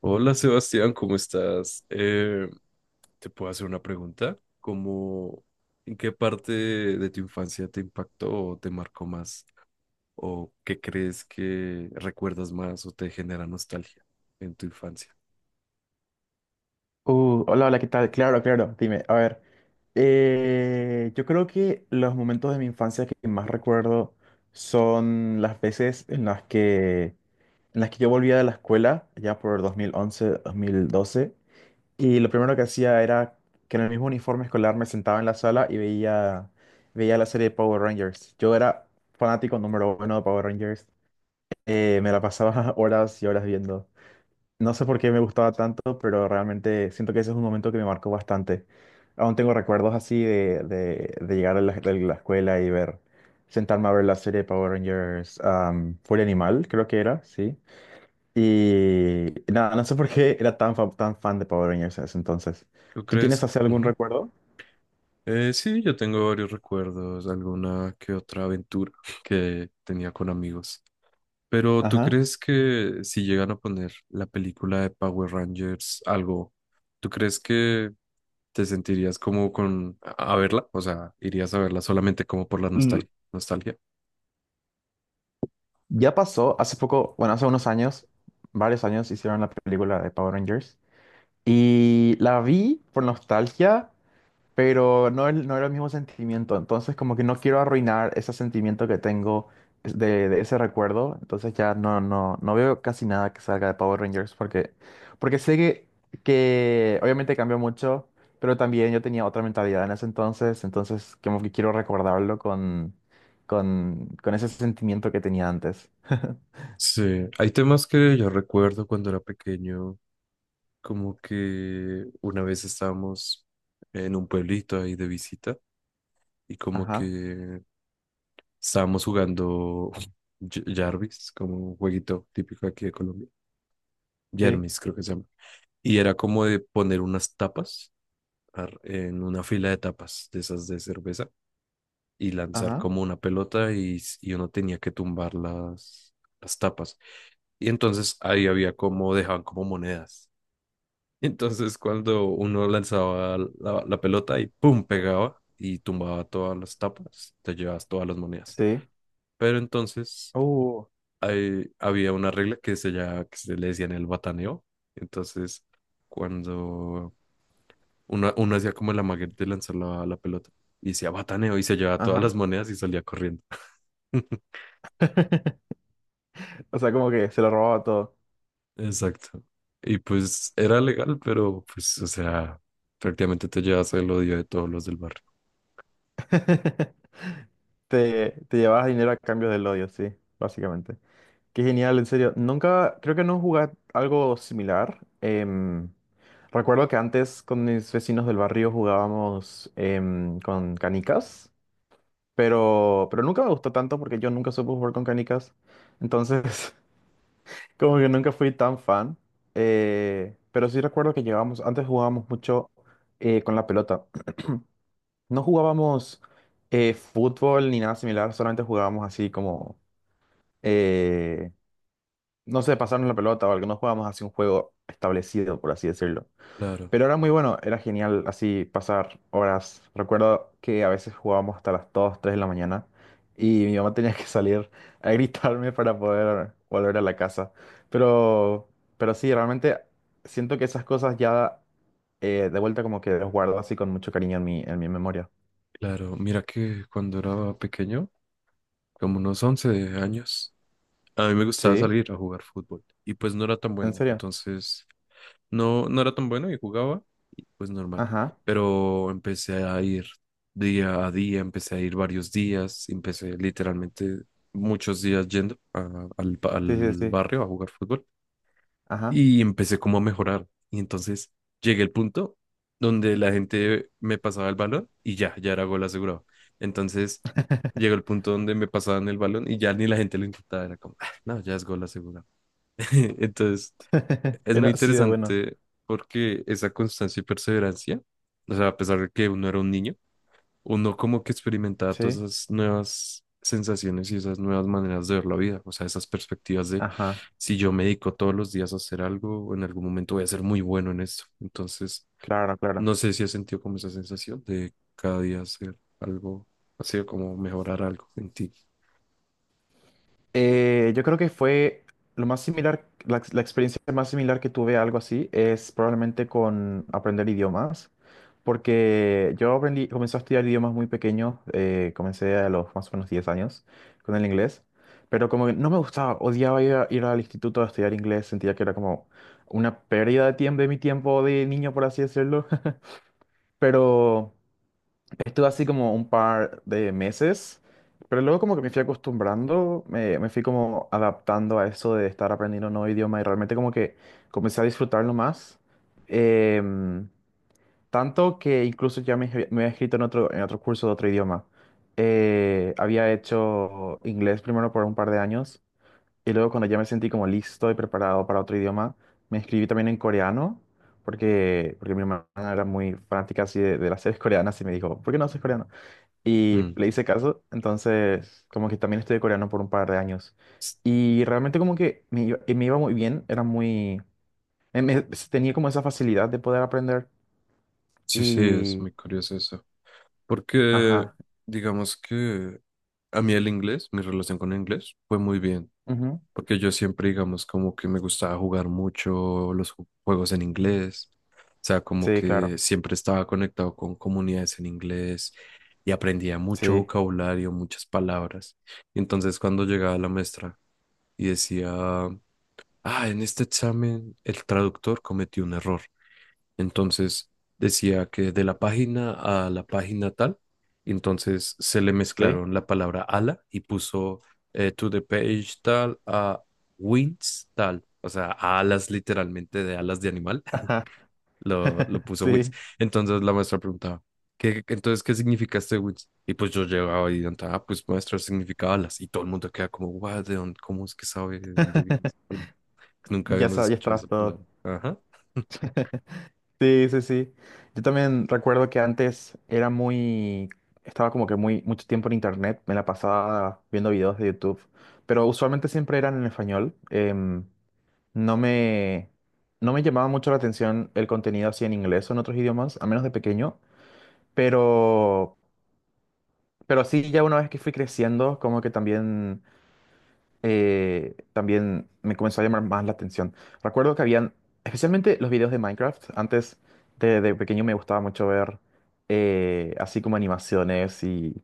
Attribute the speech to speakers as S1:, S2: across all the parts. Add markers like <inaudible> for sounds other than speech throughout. S1: Hola Sebastián, ¿cómo estás? ¿Te puedo hacer una pregunta? ¿En qué parte de tu infancia te impactó o te marcó más? ¿O qué crees que recuerdas más o te genera nostalgia en tu infancia?
S2: Hola, hola, ¿qué tal? Claro, claro, dime, a ver, yo creo que los momentos de mi infancia que más recuerdo son las veces en las que yo volvía de la escuela, ya por 2011, 2012, y lo primero que hacía era que en el mismo uniforme escolar me sentaba en la sala y veía la serie de Power Rangers. Yo era fanático número uno de Power Rangers, me la pasaba <laughs> horas y horas viendo. No sé por qué me gustaba tanto, pero realmente siento que ese es un momento que me marcó bastante. Aún tengo recuerdos así de llegar de la escuela y sentarme a ver la serie de Power Rangers, Furia Animal, creo que era, sí. Y nada, no sé por qué era tan, tan fan de Power Rangers en ese entonces.
S1: ¿Tú
S2: ¿Tú tienes
S1: crees?
S2: así algún
S1: Ujú.
S2: recuerdo?
S1: Sí, yo tengo varios recuerdos, alguna que otra aventura <laughs> que tenía con amigos. Pero ¿tú
S2: Ajá.
S1: crees que si llegan a poner la película de Power Rangers, algo, ¿tú crees que te sentirías como con a verla? O sea, ¿irías a verla solamente como por la
S2: L-
S1: nostalgia, nostalgia?
S2: Ya pasó, hace poco, bueno, hace unos años, varios años hicieron la película de Power Rangers. Y la vi por nostalgia, pero no, no era el mismo sentimiento. Entonces, como que no quiero arruinar ese sentimiento que tengo de ese recuerdo. Entonces ya no, no, no veo casi nada que salga de Power Rangers porque, porque sé que obviamente cambió mucho, pero también yo tenía otra mentalidad en ese entonces. Entonces, como que quiero recordarlo con ese sentimiento que tenía antes. <laughs>
S1: Sí, hay temas que yo recuerdo cuando era pequeño, como que una vez estábamos en un pueblito ahí de visita y como
S2: Ajá,
S1: que estábamos jugando <laughs> Jarvis, como un jueguito típico aquí de Colombia.
S2: sí,
S1: Jermis creo que se llama. Y era como de poner unas tapas en una fila de tapas de esas de cerveza y lanzar
S2: ajá,
S1: como una pelota y, y uno tenía que tumbar las tapas. Y entonces ahí había como, dejaban como monedas. <laughs> Entonces cuando uno lanzaba la, la pelota y pum, pegaba y tumbaba todas las tapas, te llevabas todas las monedas.
S2: sí.
S1: Pero entonces
S2: Uh,
S1: ahí había una regla que se, ya, que se le decía en el bataneo. Entonces cuando uno hacía como el amaguete de lanzar la, la pelota y decía bataneo y se llevaba todas
S2: ajá.
S1: las monedas y salía corriendo. <laughs>
S2: <laughs> O sea, como que se lo robaba todo.
S1: Exacto. Y pues era legal, pero pues, o sea, prácticamente te llevas el odio de todos los del barrio.
S2: <laughs> Te llevabas dinero a cambio del odio, sí, básicamente. Qué genial, en serio. Nunca, creo que no jugué algo similar. Recuerdo que antes con mis vecinos del barrio jugábamos con canicas, pero nunca me gustó tanto porque yo nunca supe jugar con canicas. Entonces, <laughs> como que nunca fui tan fan. Pero sí recuerdo que llevábamos, antes jugábamos mucho con la pelota. No jugábamos fútbol ni nada similar, solamente jugábamos así como eh, no sé, pasarnos la pelota o algo, no jugábamos así un juego establecido, por así decirlo.
S1: Claro,
S2: Pero era muy bueno, era genial así pasar horas. Recuerdo que a veces jugábamos hasta las 2 3 de la mañana y mi mamá tenía que salir a gritarme para poder volver a la casa. Pero, pero sí, realmente siento que esas cosas ya de vuelta como que las guardo así con mucho cariño en mi, memoria.
S1: claro. Mira que cuando era pequeño, como unos 11 años, a mí me gustaba
S2: Sí,
S1: salir a jugar fútbol y pues no era tan
S2: en
S1: bueno.
S2: serio.
S1: Entonces, no, no era tan bueno y jugaba y pues normal.
S2: Ajá.
S1: Pero empecé a ir día a día, empecé a ir varios días, empecé literalmente muchos días yendo
S2: Sí, sí,
S1: al
S2: sí.
S1: barrio a jugar fútbol.
S2: Ajá.
S1: Y empecé como a mejorar. Y entonces llegué al punto donde la gente me pasaba el balón y ya, ya era gol asegurado. Entonces llegó el punto donde me pasaban el balón y ya ni la gente lo intentaba, era como, "Ah, no, ya es gol asegurado". <laughs> Entonces
S2: <laughs>
S1: es
S2: Era
S1: muy
S2: así de bueno.
S1: interesante porque esa constancia y perseverancia, o sea, a pesar de que uno era un niño, uno como que experimentaba todas
S2: Sí.
S1: esas nuevas sensaciones y esas nuevas maneras de ver la vida, o sea, esas perspectivas de
S2: Ajá,
S1: si yo me dedico todos los días a hacer algo, en algún momento voy a ser muy bueno en esto. Entonces,
S2: claro, claro.
S1: no sé si has sentido como esa sensación de cada día hacer algo, así como mejorar algo en ti.
S2: Yo creo que fue lo más similar, la experiencia más similar que tuve a algo así es probablemente con aprender idiomas, porque yo aprendí, comencé a estudiar idiomas muy pequeño, comencé a los más o menos 10 años con el inglés, pero como que no me gustaba, odiaba ir, ir al instituto a estudiar inglés, sentía que era como una pérdida de tiempo, de mi tiempo de niño, por así decirlo, <laughs> pero... Estuve así como un par de meses, pero luego como que me fui acostumbrando, me fui como adaptando a eso de estar aprendiendo un nuevo idioma y realmente como que comencé a disfrutarlo más. Em, Tanto que incluso ya me había escrito en otro, curso de otro idioma. Había hecho inglés primero por un par de años y luego cuando ya me sentí como listo y preparado para otro idioma, me inscribí también en coreano. Porque, porque mi hermana era muy fanática así de las series coreanas y me dijo, ¿por qué no haces coreano? Y
S1: Mm.
S2: le hice caso, entonces como que también estudié coreano por un par de años.
S1: S-
S2: Y realmente como que me iba muy bien, era muy... me- me- tenía como esa facilidad de poder aprender
S1: Sí, sí, es
S2: y...
S1: muy curioso eso. Porque
S2: Ajá.
S1: digamos que a mí el inglés, mi relación con el inglés fue muy bien.
S2: Ujú.
S1: Porque yo siempre, digamos, como que me gustaba jugar mucho los juegos en inglés, o sea, como
S2: Sí, claro.
S1: que siempre estaba conectado con comunidades en inglés y aprendía mucho
S2: Sí.
S1: vocabulario, muchas palabras. Y entonces cuando llegaba la maestra y decía, ah, en este examen el traductor cometió un error. Entonces decía que de la página a la página tal, entonces se le
S2: Sí.
S1: mezclaron la palabra ala y puso to the page tal a wings tal, o sea, a alas literalmente de alas de animal,
S2: Ajá.
S1: <laughs> lo
S2: <laughs>
S1: puso wings.
S2: Sí.
S1: Entonces la maestra preguntaba, ¿qué, entonces qué significa este wings? Y pues yo llegaba y preguntaba, ah, pues maestra significa alas. Y todo el mundo queda como, guau, ¿de dónde, cómo es que sabe de dónde viene esa palabra? Nunca
S2: Ya
S1: habíamos
S2: sabes, ya
S1: escuchado esa
S2: estabas todo.
S1: palabra. Ajá. <laughs>
S2: Sí, sí, sí. Yo también recuerdo que antes era muy... Estaba como que muy mucho tiempo en internet, me la pasaba viendo videos de YouTube, pero usualmente siempre eran en español. No no me llamaba mucho la atención el contenido así en inglés o en otros idiomas, a menos de pequeño, pero, sí, ya una vez que fui creciendo, como que también, también me comenzó a llamar más la atención. Recuerdo que habían, especialmente los videos de Minecraft, antes de pequeño me gustaba mucho ver así como animaciones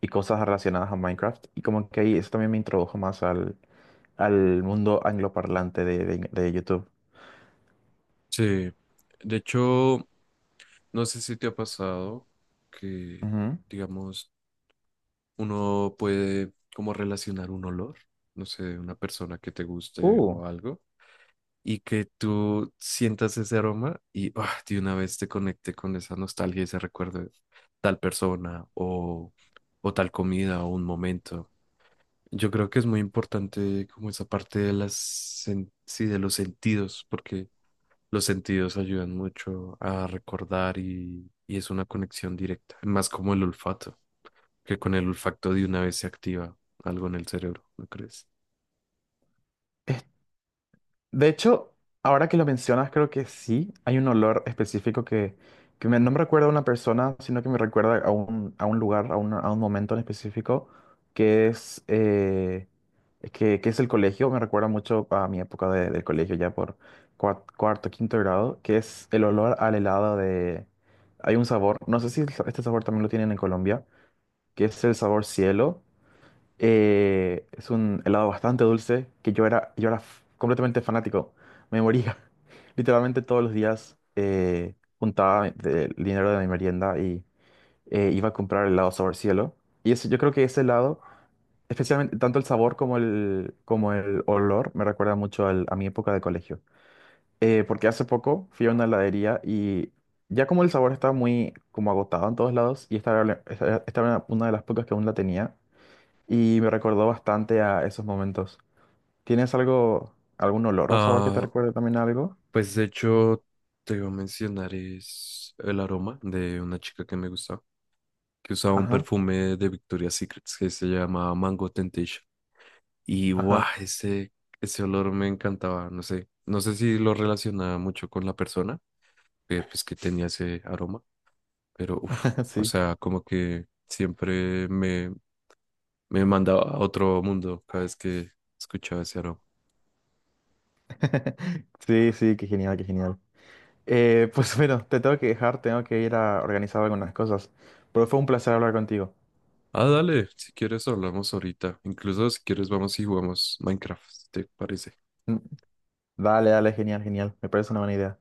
S2: y cosas relacionadas a Minecraft, y como que ahí eso también me introdujo más al mundo angloparlante de YouTube.
S1: Sí. De hecho, no sé si te ha pasado que,
S2: Ujú.
S1: digamos, uno puede como relacionar un olor, no sé, de una persona que te guste o algo, y que tú sientas ese aroma y ah, de una vez te conecte con esa nostalgia y ese recuerdo de tal persona o tal comida o un momento. Yo creo que es muy importante como esa parte de las, sí, de los sentidos, porque los sentidos ayudan mucho a recordar y es una conexión directa, más como el olfato, que con el olfato de una vez se activa algo en el cerebro, ¿no crees?
S2: De hecho, ahora que lo mencionas, creo que sí, hay un olor específico que, no me recuerda a una persona, sino que me recuerda a un, lugar, a un momento en específico, que es, eh, que es el colegio, me recuerda mucho a mi época de colegio, ya por cuarto, quinto grado, que es el olor al helado de... Hay un sabor, no sé si este sabor también lo tienen en Colombia, que es el sabor cielo, es un helado bastante dulce que completamente fanático. Me moría. <laughs> Literalmente todos los días juntaba el dinero de mi merienda y iba a comprar helado sabor cielo. Y eso, yo creo que ese helado, especialmente tanto el sabor como el olor, me recuerda mucho a mi época de colegio. Porque hace poco fui a una heladería y ya como el sabor estaba muy como agotado en todos lados y esta era, la- esta era una de las pocas que aún la tenía y me recordó bastante a esos momentos. ¿Tienes algo, algún olor o sabor que te
S1: Ah,
S2: recuerde también a algo?
S1: pues de hecho te iba a mencionar es el aroma de una chica que me gustaba, que usaba un
S2: Ajá,
S1: perfume de Victoria's Secret que se llama Mango Temptation. Y guau,
S2: ajá,
S1: ese olor me encantaba, no sé, no sé si lo relacionaba mucho con la persona, pues que tenía ese aroma, pero uff,
S2: <laughs>
S1: o
S2: sí.
S1: sea, como que siempre me, me mandaba a otro mundo cada vez que escuchaba ese aroma.
S2: <laughs> Sí, sí, qué genial, qué genial. Pues <laughs> bueno, te tengo que dejar, tengo que ir a organizar algunas cosas, pero fue un placer hablar contigo.
S1: Ah, dale, si quieres hablamos ahorita. Incluso si quieres vamos y jugamos Minecraft, ¿si te parece?
S2: Mm, Dale, dale, genial, genial, me parece una buena idea.